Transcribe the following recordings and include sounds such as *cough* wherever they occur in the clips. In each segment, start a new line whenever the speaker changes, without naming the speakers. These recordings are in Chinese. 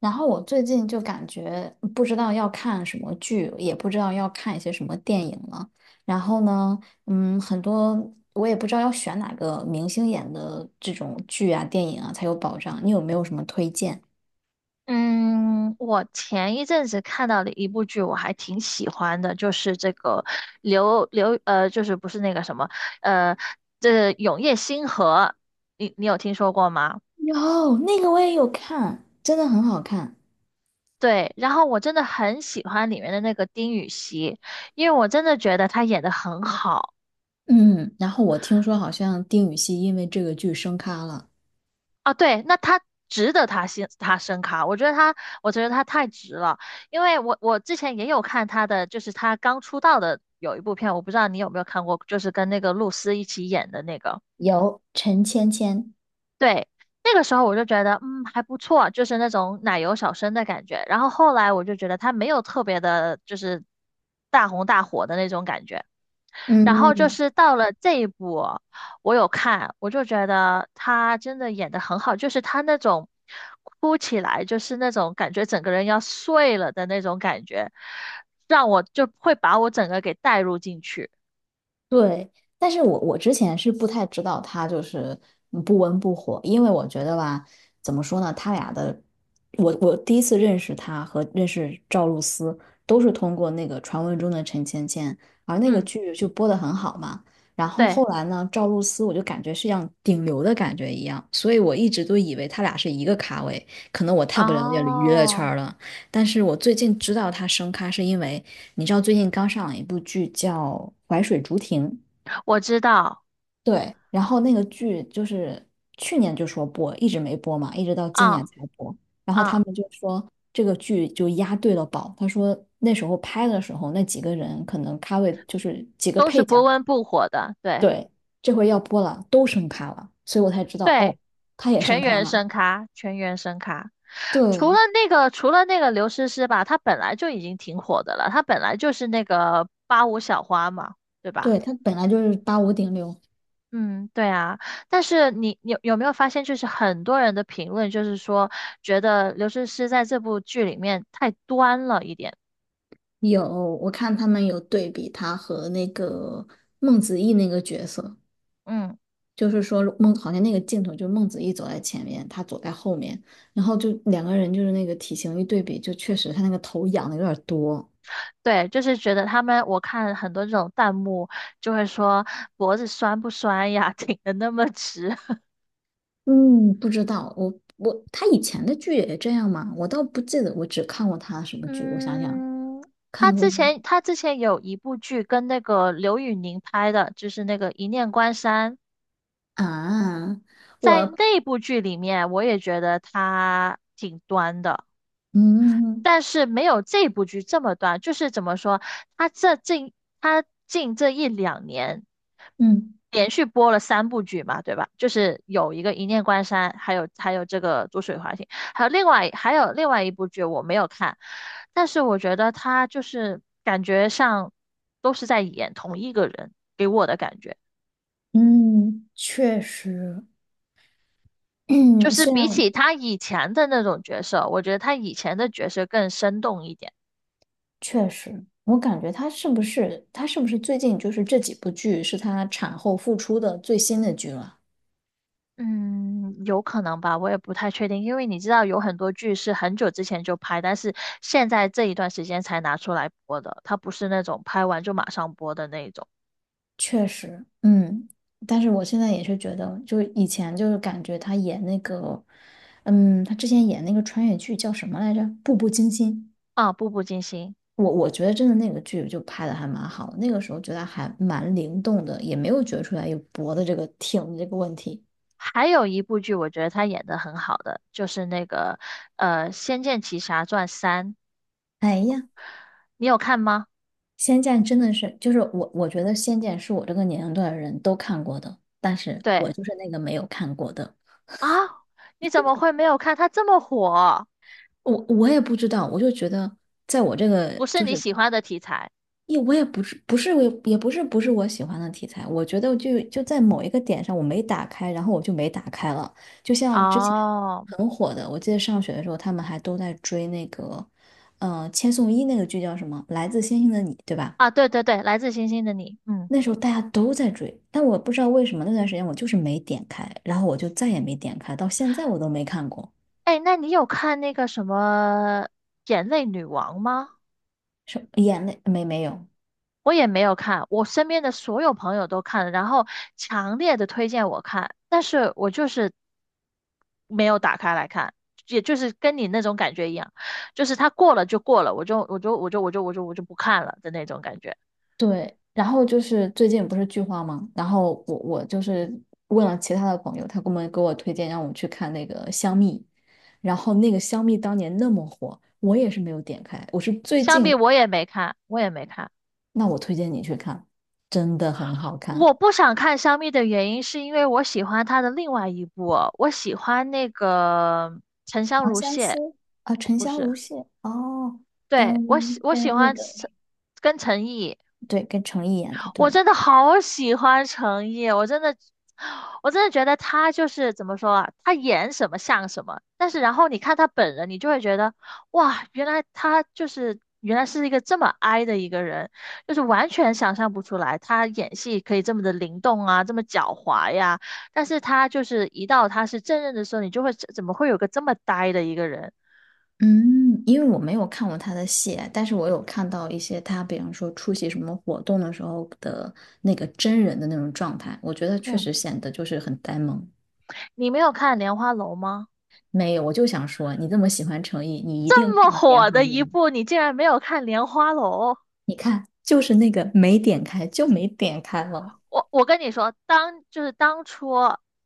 然后我最近就感觉不知道要看什么剧，也不知道要看一些什么电影了。然后呢，很多我也不知道要选哪个明星演的这种剧啊、电影啊才有保障。你有没有什么推荐？
嗯，我前一阵子看到的一部剧，我还挺喜欢的，就是这个刘刘呃，就是不是那个什么呃，这《永夜星河》，你有听说过吗？
有，那个我也有看，真的很好看。
对，然后我真的很喜欢里面的那个丁禹兮，因为我真的觉得他演的很好。
嗯，然后我听说好像丁禹兮因为这个剧升咖了。
啊，对，那他值得他先他升卡，我觉得他，我觉得他太值了，因为我之前也有看他的，就是他刚出道的有一部片，我不知道你有没有看过，就是跟那个露丝一起演的那个，
有，陈芊芊。
对，那个时候我就觉得还不错，就是那种奶油小生的感觉，然后后来我就觉得他没有特别的，就是大红大火的那种感觉，然后就
嗯，
是到了这一步，我有看，我就觉得他真的演的很好，就是他那种哭起来，就是那种感觉整个人要碎了的那种感觉，让我就会把我整个给带入进去。
对，但是我之前是不太知道他就是不温不火，因为我觉得吧，怎么说呢，他俩的，我第一次认识他和认识赵露思都是通过那个传闻中的陈芊芊，而那个
嗯，
剧就播得很好嘛。然后
对，
后来呢，赵露思我就感觉是像顶流的感觉一样，所以我一直都以为他俩是一个咖位，可能我太不了解娱乐
哦，
圈了。但是我最近知道他升咖，是因为你知道最近刚上了一部剧叫《淮水竹亭》，
我知道，
对，然后那个剧就是去年就说播，一直没播嘛，一直到今年
啊
才播。然后他
啊，
们就说这个剧就押对了宝，他说那时候拍的时候那几个人可能咖位就是几个
都是
配
不
角，
温不火的，对。
对，这回要播了，都升咖了，所以我才知道
对，
哦，他也升
全
咖
员
了。
声咖，全员声咖。除了
对，
那个，除了那个刘诗诗吧，她本来就已经挺火的了，她本来就是那个八五小花嘛，对吧？
对，他本来就是八五顶流。
嗯，对啊。但是你有没有发现，就是很多人的评论就是说，觉得刘诗诗在这部剧里面太端了一点。
有我看他们有对比他和那个孟子义那个角色，
嗯，
就是说孟好像那个镜头，就孟子义走在前面，他走在后面，然后就两个人就是那个体型一对比，就确实他那个头仰的有点多。
对，就是觉得他们，我看很多这种弹幕就会说脖子酸不酸呀，*laughs* 挺的那么直。
嗯，不知道，我他以前的剧也这样吗？我倒不记得，我只看过他什么剧，我想想，
嗯，他
看过
之
那
前他之前有一部剧跟那个刘宇宁拍的，就是那个《一念关山》。
啊，
在
我
那部剧里面，我也觉得他挺端的，
嗯
但是没有这部剧这么端。就是怎么说，他这近他近这一两年。
嗯
连续播了三部剧嘛，对吧？就是有一个《一念关山》，还有这个《逐水华行》，还有另外一部剧我没有看，但是我觉得他就是感觉上都是在演同一个人，给我的感觉
嗯，确实，
就
*clears throat*
是
虽
比
然
起他以前的那种角色，我觉得他以前的角色更生动一点。
确实，我感觉他是不是最近就是这几部剧是他产后复出的最新的剧了？
嗯，有可能吧，我也不太确定，因为你知道有很多剧是很久之前就拍，但是现在这一段时间才拿出来播的，它不是那种拍完就马上播的那一种。
确实，嗯，但是我现在也是觉得，就是以前就是感觉他演那个，嗯，他之前演那个穿越剧叫什么来着？《步步惊心》。
啊，《步步惊心》，
我觉得真的那个剧就拍的还蛮好的那个时候觉得还蛮灵动的，也没有觉出来有脖子这个挺的这个问题。
还有一部剧我觉得他演的很好的，就是那个《仙剑奇侠传三》，
哎呀，
你有看吗？
《仙剑》真的是，就是我觉得《仙剑》是我这个年龄段的人都看过的，但是我
对
就是那个没有看过的。
啊，你怎么会没有看？它这么火，
我也不知道，我就觉得，在我这个
不是
就
你
是
喜欢的题材
也我也不是不是我也也不是不是我喜欢的题材，我觉得就在某一个点上我没打开，然后我就没打开了。就像之前
哦。
很火的，我记得上学的时候他们还都在追那个，千颂伊那个剧叫什么《来自星星的你》，对吧？
啊，对对对，来自星星的你，嗯。
那时候大家都在追，但我不知道为什么那段时间我就是没点开，然后我就再也没点开，到现在我都没看过。
哎，那你有看那个什么《眼泪女王》吗？
是眼泪没有，
我也没有看，我身边的所有朋友都看了，然后强烈的推荐我看，但是我就是没有打开来看，也就是跟你那种感觉一样，就是它过了就过了，我就不看了的那种感觉。
对，然后就是最近不是剧荒嘛，然后我就是问了其他的朋友，他给我推荐让我去看那个香蜜，然后那个香蜜当年那么火，我也是没有点开，我是最
香蜜
近，
我也没看，我也没看。
那我推荐你去看，真的很好看
我不想看香蜜的原因是因为我喜欢她的另外一部，我喜欢那个《沉香
长
如
相
屑》，
思啊，沉
不
香
是。
如屑哦，
对，我喜
跟
我喜
跟那
欢
个
陈跟陈毅，
对，跟程毅演的，
我
对，
真的好喜欢陈毅，我真的，我真的觉得他就是怎么说啊，他演什么像什么，但是然后你看他本人，你就会觉得，哇，原来是一个这么 i 的一个人，就是完全想象不出来他演戏可以这么的灵动啊，这么狡猾呀，但是他就是一到他是正人的时候，你就会怎么会有个这么呆的一个人？
嗯，因为我没有看过他的戏，但是我有看到一些他，比方说出席什么活动的时候的那个真人的那种状态，我觉得确
嗯，
实显得就是很呆萌。
你没有看《莲花楼》吗？
没有，我就想说，你这么喜欢成毅，你一
这
定
么
看了《莲
火
花
的
楼》。
一部，你竟然没有看《莲花楼》？
你看，就是那个没点开，就没点开了，
我跟你说，当就是当初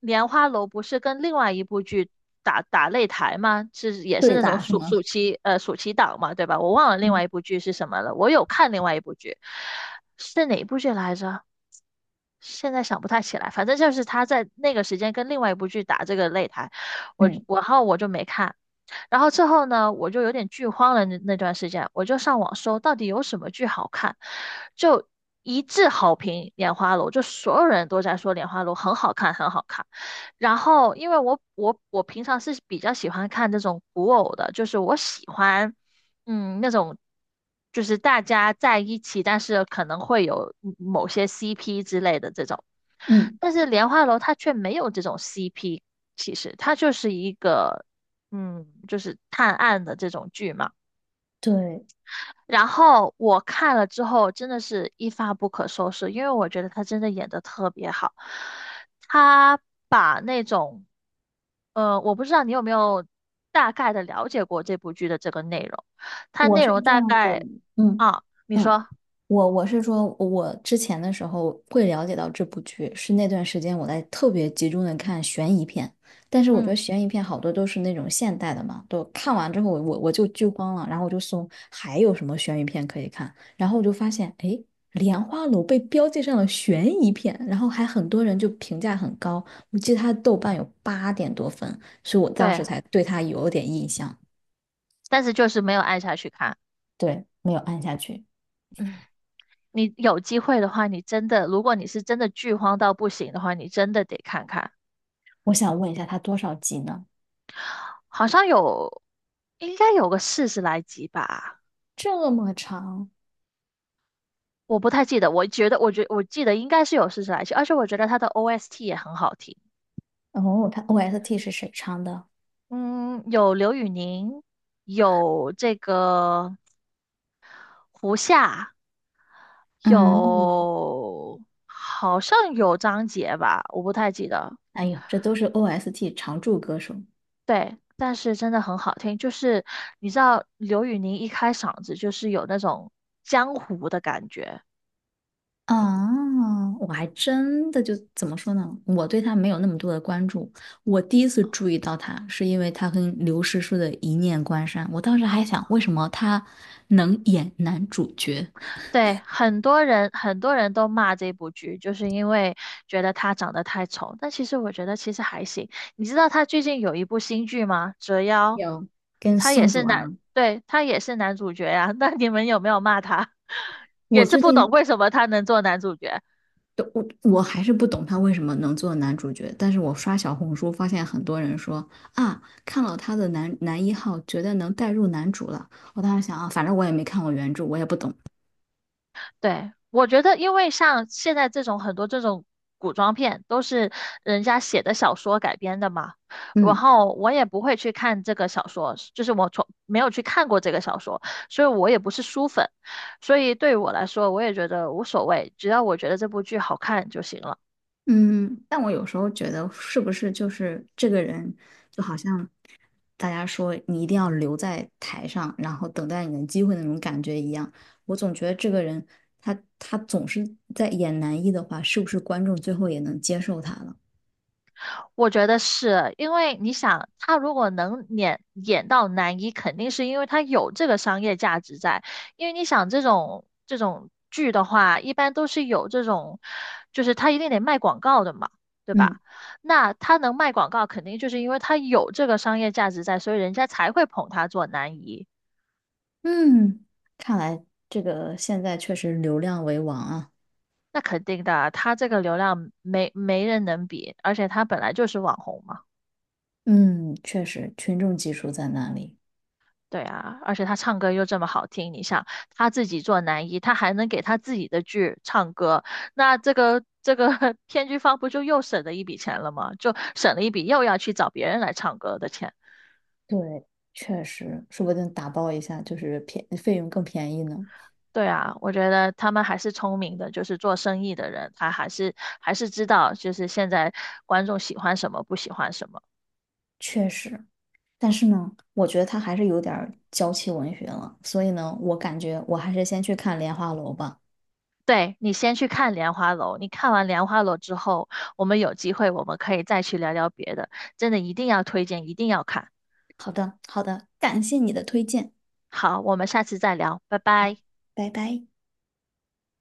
《莲花楼》不是跟另外一部剧打擂台吗？是也是
对
那种
打是
暑
吗？
暑期呃暑期档嘛，对吧？我忘了另
嗯
外一部剧是什么了。我有看另外一部剧，是哪一部剧来着？现在想不太起来，反正就是他在那个时间跟另外一部剧打这个擂台，
嗯
然后我就没看。然后之后呢，我就有点剧荒了那段时间，我就上网搜到底有什么剧好看，就一致好评《莲花楼》，就所有人都在说《莲花楼》很好看，很好看。然后因为我平常是比较喜欢看这种古偶的，就是我喜欢那种。就是大家在一起，但是可能会有某些 CP 之类的这种，
嗯，
但是莲花楼它却没有这种 CP，其实它就是一个就是探案的这种剧嘛。
对。
然后我看了之后，真的是一发不可收拾，因为我觉得他真的演的特别好。他把那种，我不知道你有没有大概的了解过这部剧的这个内容。它
我
内
是
容
这
大
样的，
概
嗯
啊，你
嗯，
说，
我是说，我之前的时候会了解到这部剧，是那段时间我在特别集中的看悬疑片，但是我觉得
嗯，
悬疑片好多都是那种现代的嘛，都看完之后我就剧荒了，然后我就搜还有什么悬疑片可以看，然后我就发现，诶，《莲花楼》被标记上了悬疑片，然后还很多人就评价很高，我记得他豆瓣有八点多分，所以我当时
对，
才对他有点印象，
但是就是没有按下去看。
对，没有按下去。
嗯，你有机会的话，你真的，如果你是真的剧荒到不行的话，你真的得看看。
我想问一下，他多少集呢？
好像有，应该有个四十来集吧，
这么长？
我不太记得。我觉得，我记得应该是有四十来集，而且我觉得它的 OST 也很好听。
哦，他 OST 是谁唱的？
嗯，有刘宇宁，有这个胡夏，
嗯，
有好像有张杰吧，我不太记得。
哎呦，这都是 OST 常驻歌手
对，但是真的很好听，就是你知道刘宇宁一开嗓子就是有那种江湖的感觉。
啊，我还真的就怎么说呢？我对他没有那么多的关注。我第一次注意到他，是因为他跟刘诗诗的《一念关山》，我当时还想，为什么他能演男主角？
对，很多人都骂这部剧，就是因为觉得他长得太丑。但其实我觉得其实还行。你知道他最近有一部新剧吗？《折腰》，
有跟
他也
宋
是
祖
男，
儿，
对，他也是男主角呀、*laughs* 那你们有没有骂他？*laughs* 也
我
是
最
不懂
近
为什么他能做男主角。
对我还是不懂他为什么能做男主角，但是我刷小红书发现很多人说啊，看了他的男一号，觉得能带入男主了。我当时想啊，反正我也没看过原著，我也不懂。
对，我觉得，因为像现在这种很多这种古装片都是人家写的小说改编的嘛，然
嗯
后我也不会去看这个小说，就是我从没有去看过这个小说，所以我也不是书粉，所以对于我来说，我也觉得无所谓，只要我觉得这部剧好看就行了。
嗯，但我有时候觉得是不是就是这个人，就好像大家说你一定要留在台上，然后等待你的机会那种感觉一样。我总觉得这个人他总是在演男一的话，是不是观众最后也能接受他了？
我觉得是因为你想，他如果能演到男一，肯定是因为他有这个商业价值在。因为你想这种剧的话，一般都是有这种，就是他一定得卖广告的嘛，对吧？
嗯。
那他能卖广告，肯定就是因为他有这个商业价值在，所以人家才会捧他做男一。
嗯，看来这个现在确实流量为王啊。
那肯定的，他这个流量没人能比，而且他本来就是网红嘛。
嗯，确实群众基础在那里。
对啊，而且他唱歌又这么好听，你想他自己做男一，他还能给他自己的剧唱歌，那这个 *laughs* 编剧方不就又省了一笔钱了吗？就省了一笔又要去找别人来唱歌的钱。
对，确实，说不定打包一下就是便费用更便宜呢。
对啊，我觉得他们还是聪明的，就是做生意的人，他还是知道，就是现在观众喜欢什么，不喜欢什么。
确实，但是呢，我觉得他还是有点儿娇妻文学了，所以呢，我感觉我还是先去看《莲花楼》吧。
对，你先去看《莲花楼》，你看完《莲花楼》之后，我们有机会我们可以再去聊聊别的，真的一定要推荐，一定要看。
好的，好的，感谢你的推荐，
好，我们下次再聊，拜拜。
拜拜。